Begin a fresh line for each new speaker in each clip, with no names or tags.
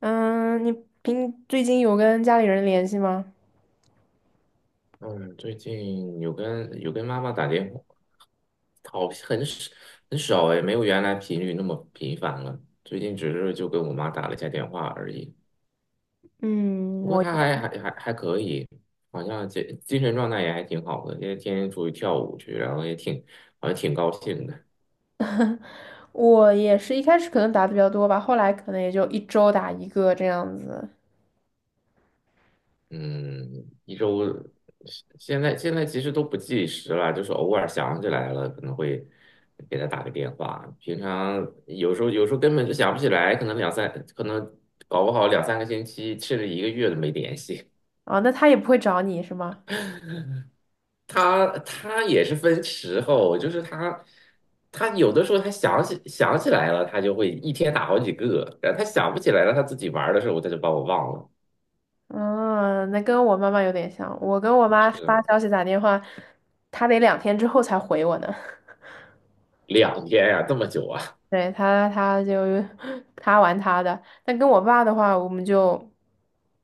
嗯，你平最近有跟家里人联系吗？
嗯，最近有跟妈妈打电话，好，很少很少哎，没有原来频率那么频繁了。最近只是就跟我妈打了一下电话而已，
嗯，
不过
我
她还可以，好像精神状态也还挺好的，因为天天出去跳舞去，然后也挺好像挺高兴的。
我也是一开始可能打的比较多吧，后来可能也就一周打一个这样子。
嗯，一周现现在其实都不计时了，就是偶尔想起来了，可能会给他打个电话。平常有时候根本就想不起来，可能搞不好两三个星期甚至一个月都没联系。
啊，那他也不会找你是吗？
他也是分时候，就是他有的时候他想起来了，他就会一天打好几个，然后他想不起来了，他自己玩儿的时候他就把我忘了。
嗯，那跟我妈妈有点像，我跟我妈发
是
消息打电话，她得两天之后才回我呢。
两天呀、这么久啊？
对，他就 他玩他的，但跟我爸的话，我们就，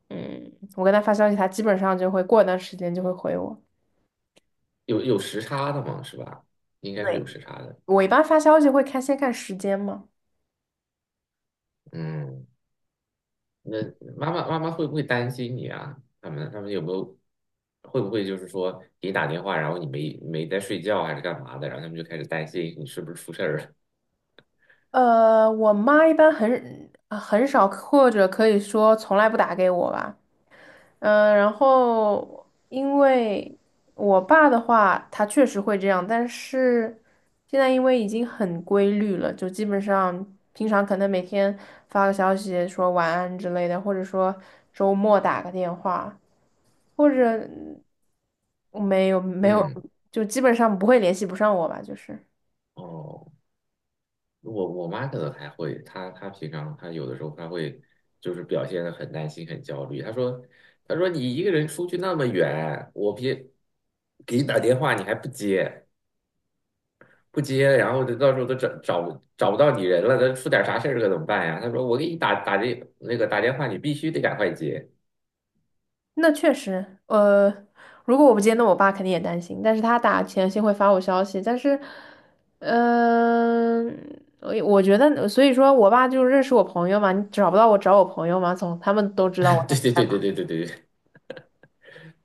嗯，我跟他发消息，他基本上就会过一段时间就会回我。
有有时差的嘛，是吧？应该是有
对。
时差的。
我一般发消息会看先看时间嘛。
嗯，那妈妈会不会担心你啊？他们有没有会不会就是说给你打电话，然后你没没在睡觉还是干嘛的，然后他们就开始担心你是不是出事儿了？
我妈一般很啊很少，或者可以说从来不打给我吧。嗯，然后因为我爸的话，他确实会这样，但是现在因为已经很规律了，就基本上平常可能每天发个消息说晚安之类的，或者说周末打个电话，或者没有 没有，
嗯，
就基本上不会联系不上我吧，就是。
哦，我妈可能还会，她平常她有的时候她会就是表现的很担心很焦虑。她说你一个人出去那么远，我别给你打电话你还不接。不接，然后就到时候都找不到你人了，那出点啥事儿可怎么办呀？他说我给你打这那个打电话，你必须得赶快接。
那确实，如果我不接，那我爸肯定也担心。但是他打前先会发我消息，但是，嗯，我觉得，所以说我爸就认识我朋友嘛，你找不到我找我朋友嘛，从他们都知道我，
对对对对对对对，对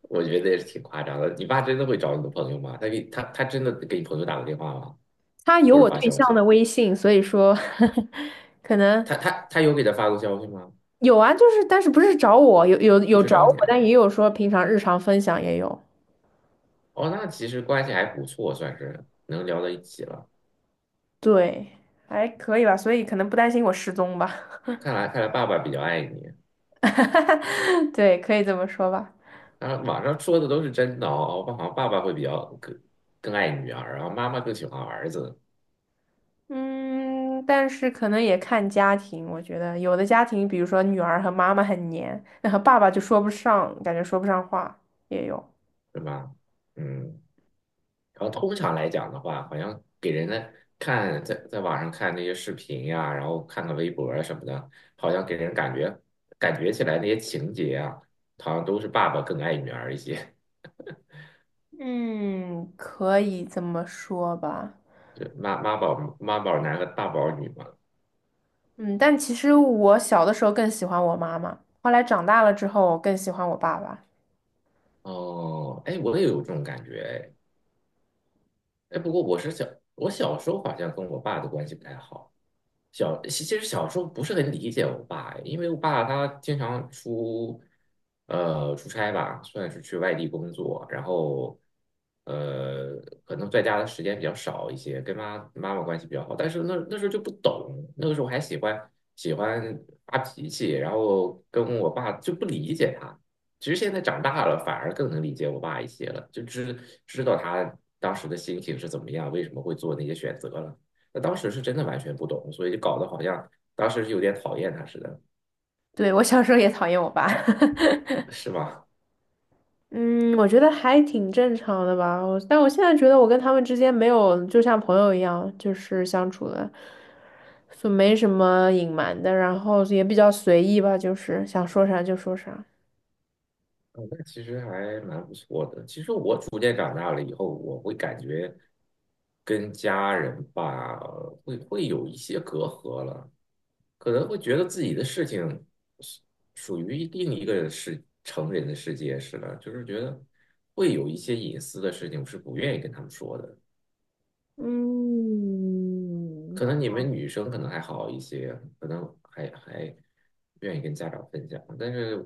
我觉得也是挺夸张的。你爸真的会找你的朋友吗？他给他真的给你朋友打过电话吗？
他有
或者
我
发
对
消
象
息？
的微信，所以说 可能
他有给他发过消息吗？
有啊，就是但是不是找我，有有
不
有
是
找
找你
我，
啊？
但也有说平常日常分享也有，
哦，那其实关系还不错，算是能聊到一起了。
对，还可以吧，所以可能不担心我失踪吧，
看来看来爸爸比较爱你。
对，可以这么说吧。
然后网上说的都是真的哦，我好像爸爸会比较更更爱女儿，然后妈妈更喜欢儿子。
嗯，但是可能也看家庭，我觉得有的家庭，比如说女儿和妈妈很黏，那和爸爸就说不上，感觉说不上话，也有。
对吧？嗯，然后通常来讲的话，好像给人的看在网上看那些视频呀、然后看看微博啊什么的，好像给人感觉感觉起来那些情节啊，好像都是爸爸更爱女儿一些，
嗯，可以这么说吧。
就妈妈宝妈宝男和爸宝女嘛。
嗯，但其实我小的时候更喜欢我妈妈，后来长大了之后，我更喜欢我爸爸。
哦，哎，我也有这种感觉，哎，哎，不过我小时候好像跟我爸的关系不太好。小，其实小时候不是很理解我爸，因为我爸他经常出，出差吧，算是去外地工作，然后，呃，可能在家的时间比较少一些，跟妈妈妈关系比较好，但是那时候就不懂，那个时候还喜欢发脾气，然后跟我爸就不理解他。其实现在长大了，反而更能理解我爸一些了，就知道他当时的心情是怎么样，为什么会做那些选择了。那当时是真的完全不懂，所以就搞得好像当时是有点讨厌他似的，
对，我小时候也讨厌我爸。
是吧？
嗯，我觉得还挺正常的吧。我，但我现在觉得我跟他们之间没有就像朋友一样，就是相处的，就没什么隐瞒的，然后也比较随意吧，就是想说啥就说啥。
嗯，那其实还蛮不错的。其实我逐渐长大了以后，我会感觉跟家人吧，会有一些隔阂了，可能会觉得自己的事情是属于另一个世成人的世界似的，就是觉得会有一些隐私的事情，我是不愿意跟他们说的。
嗯，
可能你们女生可能还好一些，可能还愿意跟家长分享。但是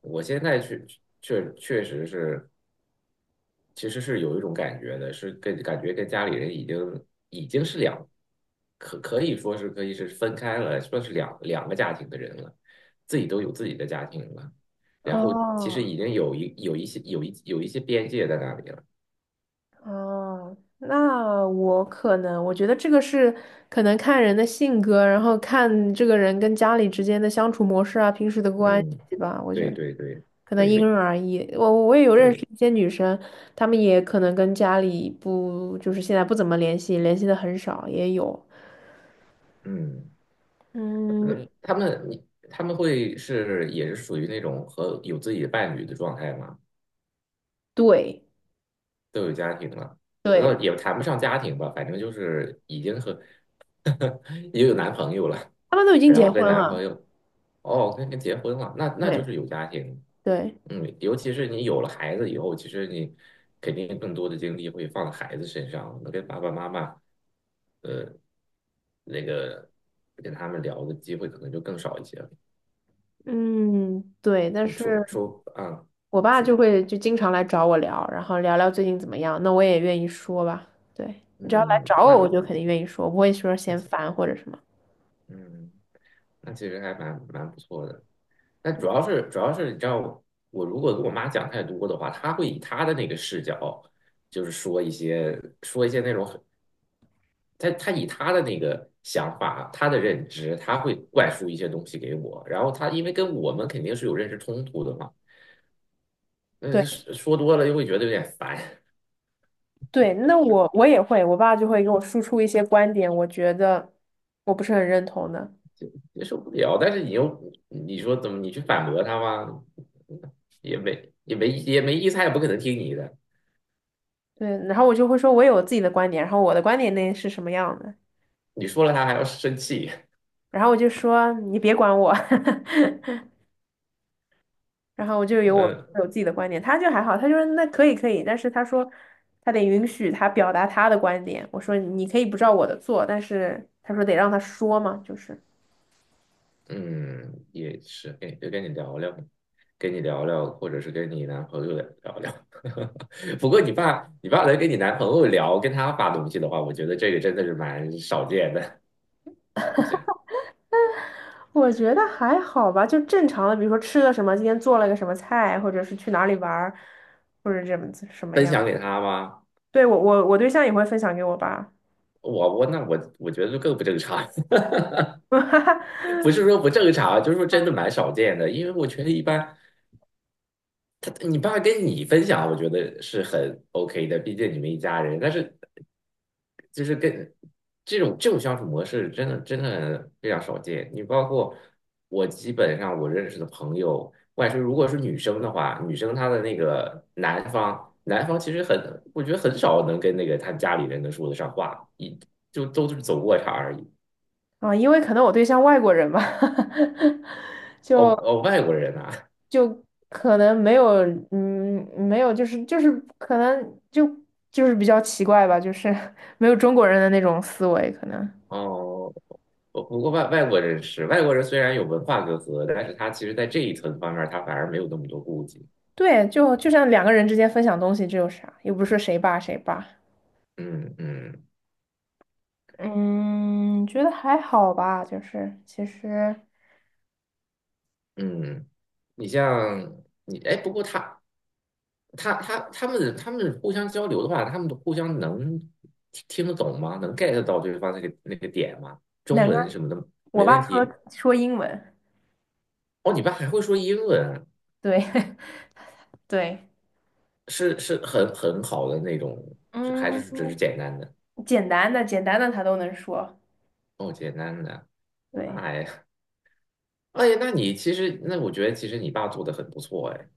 我现在确实是，其实是有一种感觉的，是跟感觉跟家里人已经是两，可以是分开了，算是两个家庭的人了，自己都有自己的家庭了，然后其实
哦。
已经有一些边界在那里了。
哦，那我可能，我觉得这个是可能看人的性格，然后看这个人跟家里之间的相处模式啊，平时的关
嗯，
系吧。我觉
对
得
对对
可能因
对
人而异。我也有认识
对，
一些女生，她们也可能跟家里不，就是现在不怎么联系，联系的很少，也有。
嗯。那
嗯，
他们你他们会是也是属于那种和有自己的伴侣的状态吗？
对
都有家庭了，然后
对，
也谈不上家庭吧，反正就是已经和 也有男朋友了，
她们都已经
然
结
后跟
婚
男朋
了。
友哦跟结婚了，那那就
对
是有家庭。
对，
嗯，尤其是你有了孩子以后，其实你肯定更多的精力会放在孩子身上，那跟爸爸妈妈那个跟他们聊的机会可能就更少一些了。
嗯对，但
你
是。
啊。
我爸就
除
会就经常来找我聊，然后聊聊最近怎么样，那我也愿意说吧。对，你只要来
嗯，
找我，我
那
就肯定愿意说，我不会说
那
嫌
其
烦或者什么。
嗯，那其实还蛮不错的。那主要是你知道我，我如果跟我妈讲太多的话，她会以她的那个视角，就是说一些那种很，她以她的那个想法、她的认知，她会灌输一些东西给我。然后她因为跟我们肯定是有认识冲突的嘛，嗯，
对
说多了又会觉得有点烦，
对，那我也会，我爸就会给我输出一些观点，我觉得我不是很认同的。
接受不了。但是你又你说怎么你去反驳她吗？也没意思，她也不可能听你的。
对，然后我就会说，我有我自己的观点，然后我的观点那是什么样的，
你说了他还要生气，
然后我就说你别管我。然后我就 有我
嗯
有自己的观点，他就还好，他就说那可以，但是他说他得允许他表达他的观点。我说你可以不照我的做，但是他说得让他说嘛，就是
嗯，也是跟就跟你聊聊，跟你聊聊，或者是跟你男朋友聊聊。不过你爸，你爸来跟你男朋友聊，跟他发东西的话，我觉得这个真的是蛮少见的，好像
我觉得还好吧，就正常的，比如说吃了什么，今天做了个什么菜，或者是去哪里玩儿，或者怎么子什么
分
样。
享给他吗？
对，我对象也会分享给我吧，
我我那我我觉得就更不正常，不是说不正常，就是说真的蛮少见的，因为我觉得一般你爸跟你分享，我觉得是很 OK 的，毕竟你们一家人。但是就是跟这种相处模式，真的非常少见。你包括我，基本上我认识的朋友，外甥如果是女生的话，女生她的那个男方，男方其实很，我觉得很少能跟那个他家里人能说得上话，一就都是走过场而已。
啊，因为可能我对象外国人吧，
哦
就。
哦，外国人啊，
就可能没有，嗯，没有，就是可能就比较奇怪吧，就是 没有中国人的那种思维，可能
哦。不不过外外国人是外国人，虽然有文化隔阂，但是他其实在这一层方面，他反而没有那么多顾忌。
对，就像两个人之间分享东西，这有啥？又不是谁霸。
嗯嗯
嗯，觉得还好吧，就是其实
嗯，你像你哎，不过他们互相交流的话，他们互相能听听得懂吗？能 get 到对方那个点吗？中
哪怕
文什么的
我
没问
爸说
题。
说英文，
哦，你爸还会说英文啊，
对 对，
是是很好的那种，是还
嗯，
是只是简单的？
简单的他都能说，
哦，简单的，哦，那
对
还哎，那你其实，那我觉得其实你爸做的很不错哎。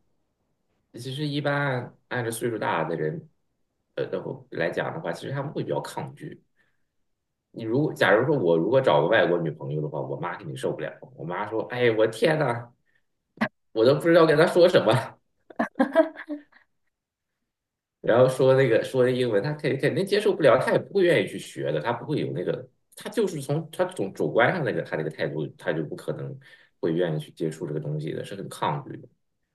其实一般按照岁数大的人，然后来讲的话，其实他们会比较抗拒。你如果假如说我如果找个外国女朋友的话，我妈肯定受不了。我妈说：“哎，我天呐，我都不知道跟她说什么。”然后说那个说英文，他肯定接受不了，他也不会愿意去学的，他不会有那个，他就是从他总主观上那个他那个态度，他就不可能会愿意去接触这个东西的，是很抗拒的。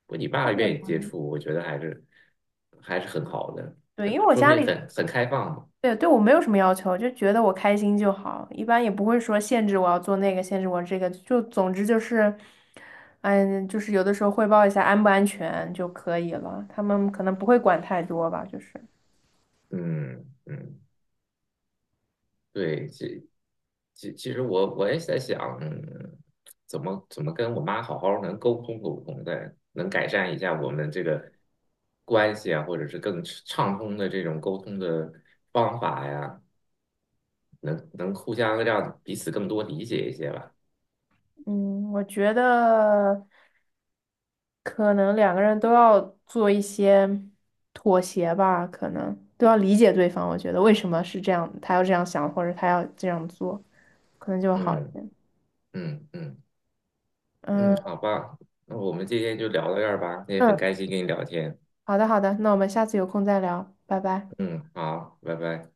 我你爸愿意接触，我觉得还是很好的，
对，因
很
为我
说
家
明
里
很开放嘛。
对，对我没有什么要求，就觉得我开心就好，一般也不会说限制我要做那个，限制我这个，就总之就是，嗯，就是有的时候汇报一下安不安全就可以了，他们可能不会管太多吧，就是，
嗯嗯，对，这其实我也在想，嗯，怎么跟我妈好好能沟通的，能改善一下我们这个关系啊，或者是更畅通的这种沟通的方法呀，能互相让彼此更多理解一些吧。
嗯，我觉得可能两个人都要做一些妥协吧，可能都要理解对方，我觉得为什么是这样，他要这样想，或者他要这样做，可能就会好一
嗯
点。
嗯嗯
嗯
嗯，好吧，那我们今天就聊到这儿吧，也很
嗯，
开心跟你聊天。
好的好的，那我们下次有空再聊，拜拜。
嗯，好，拜拜。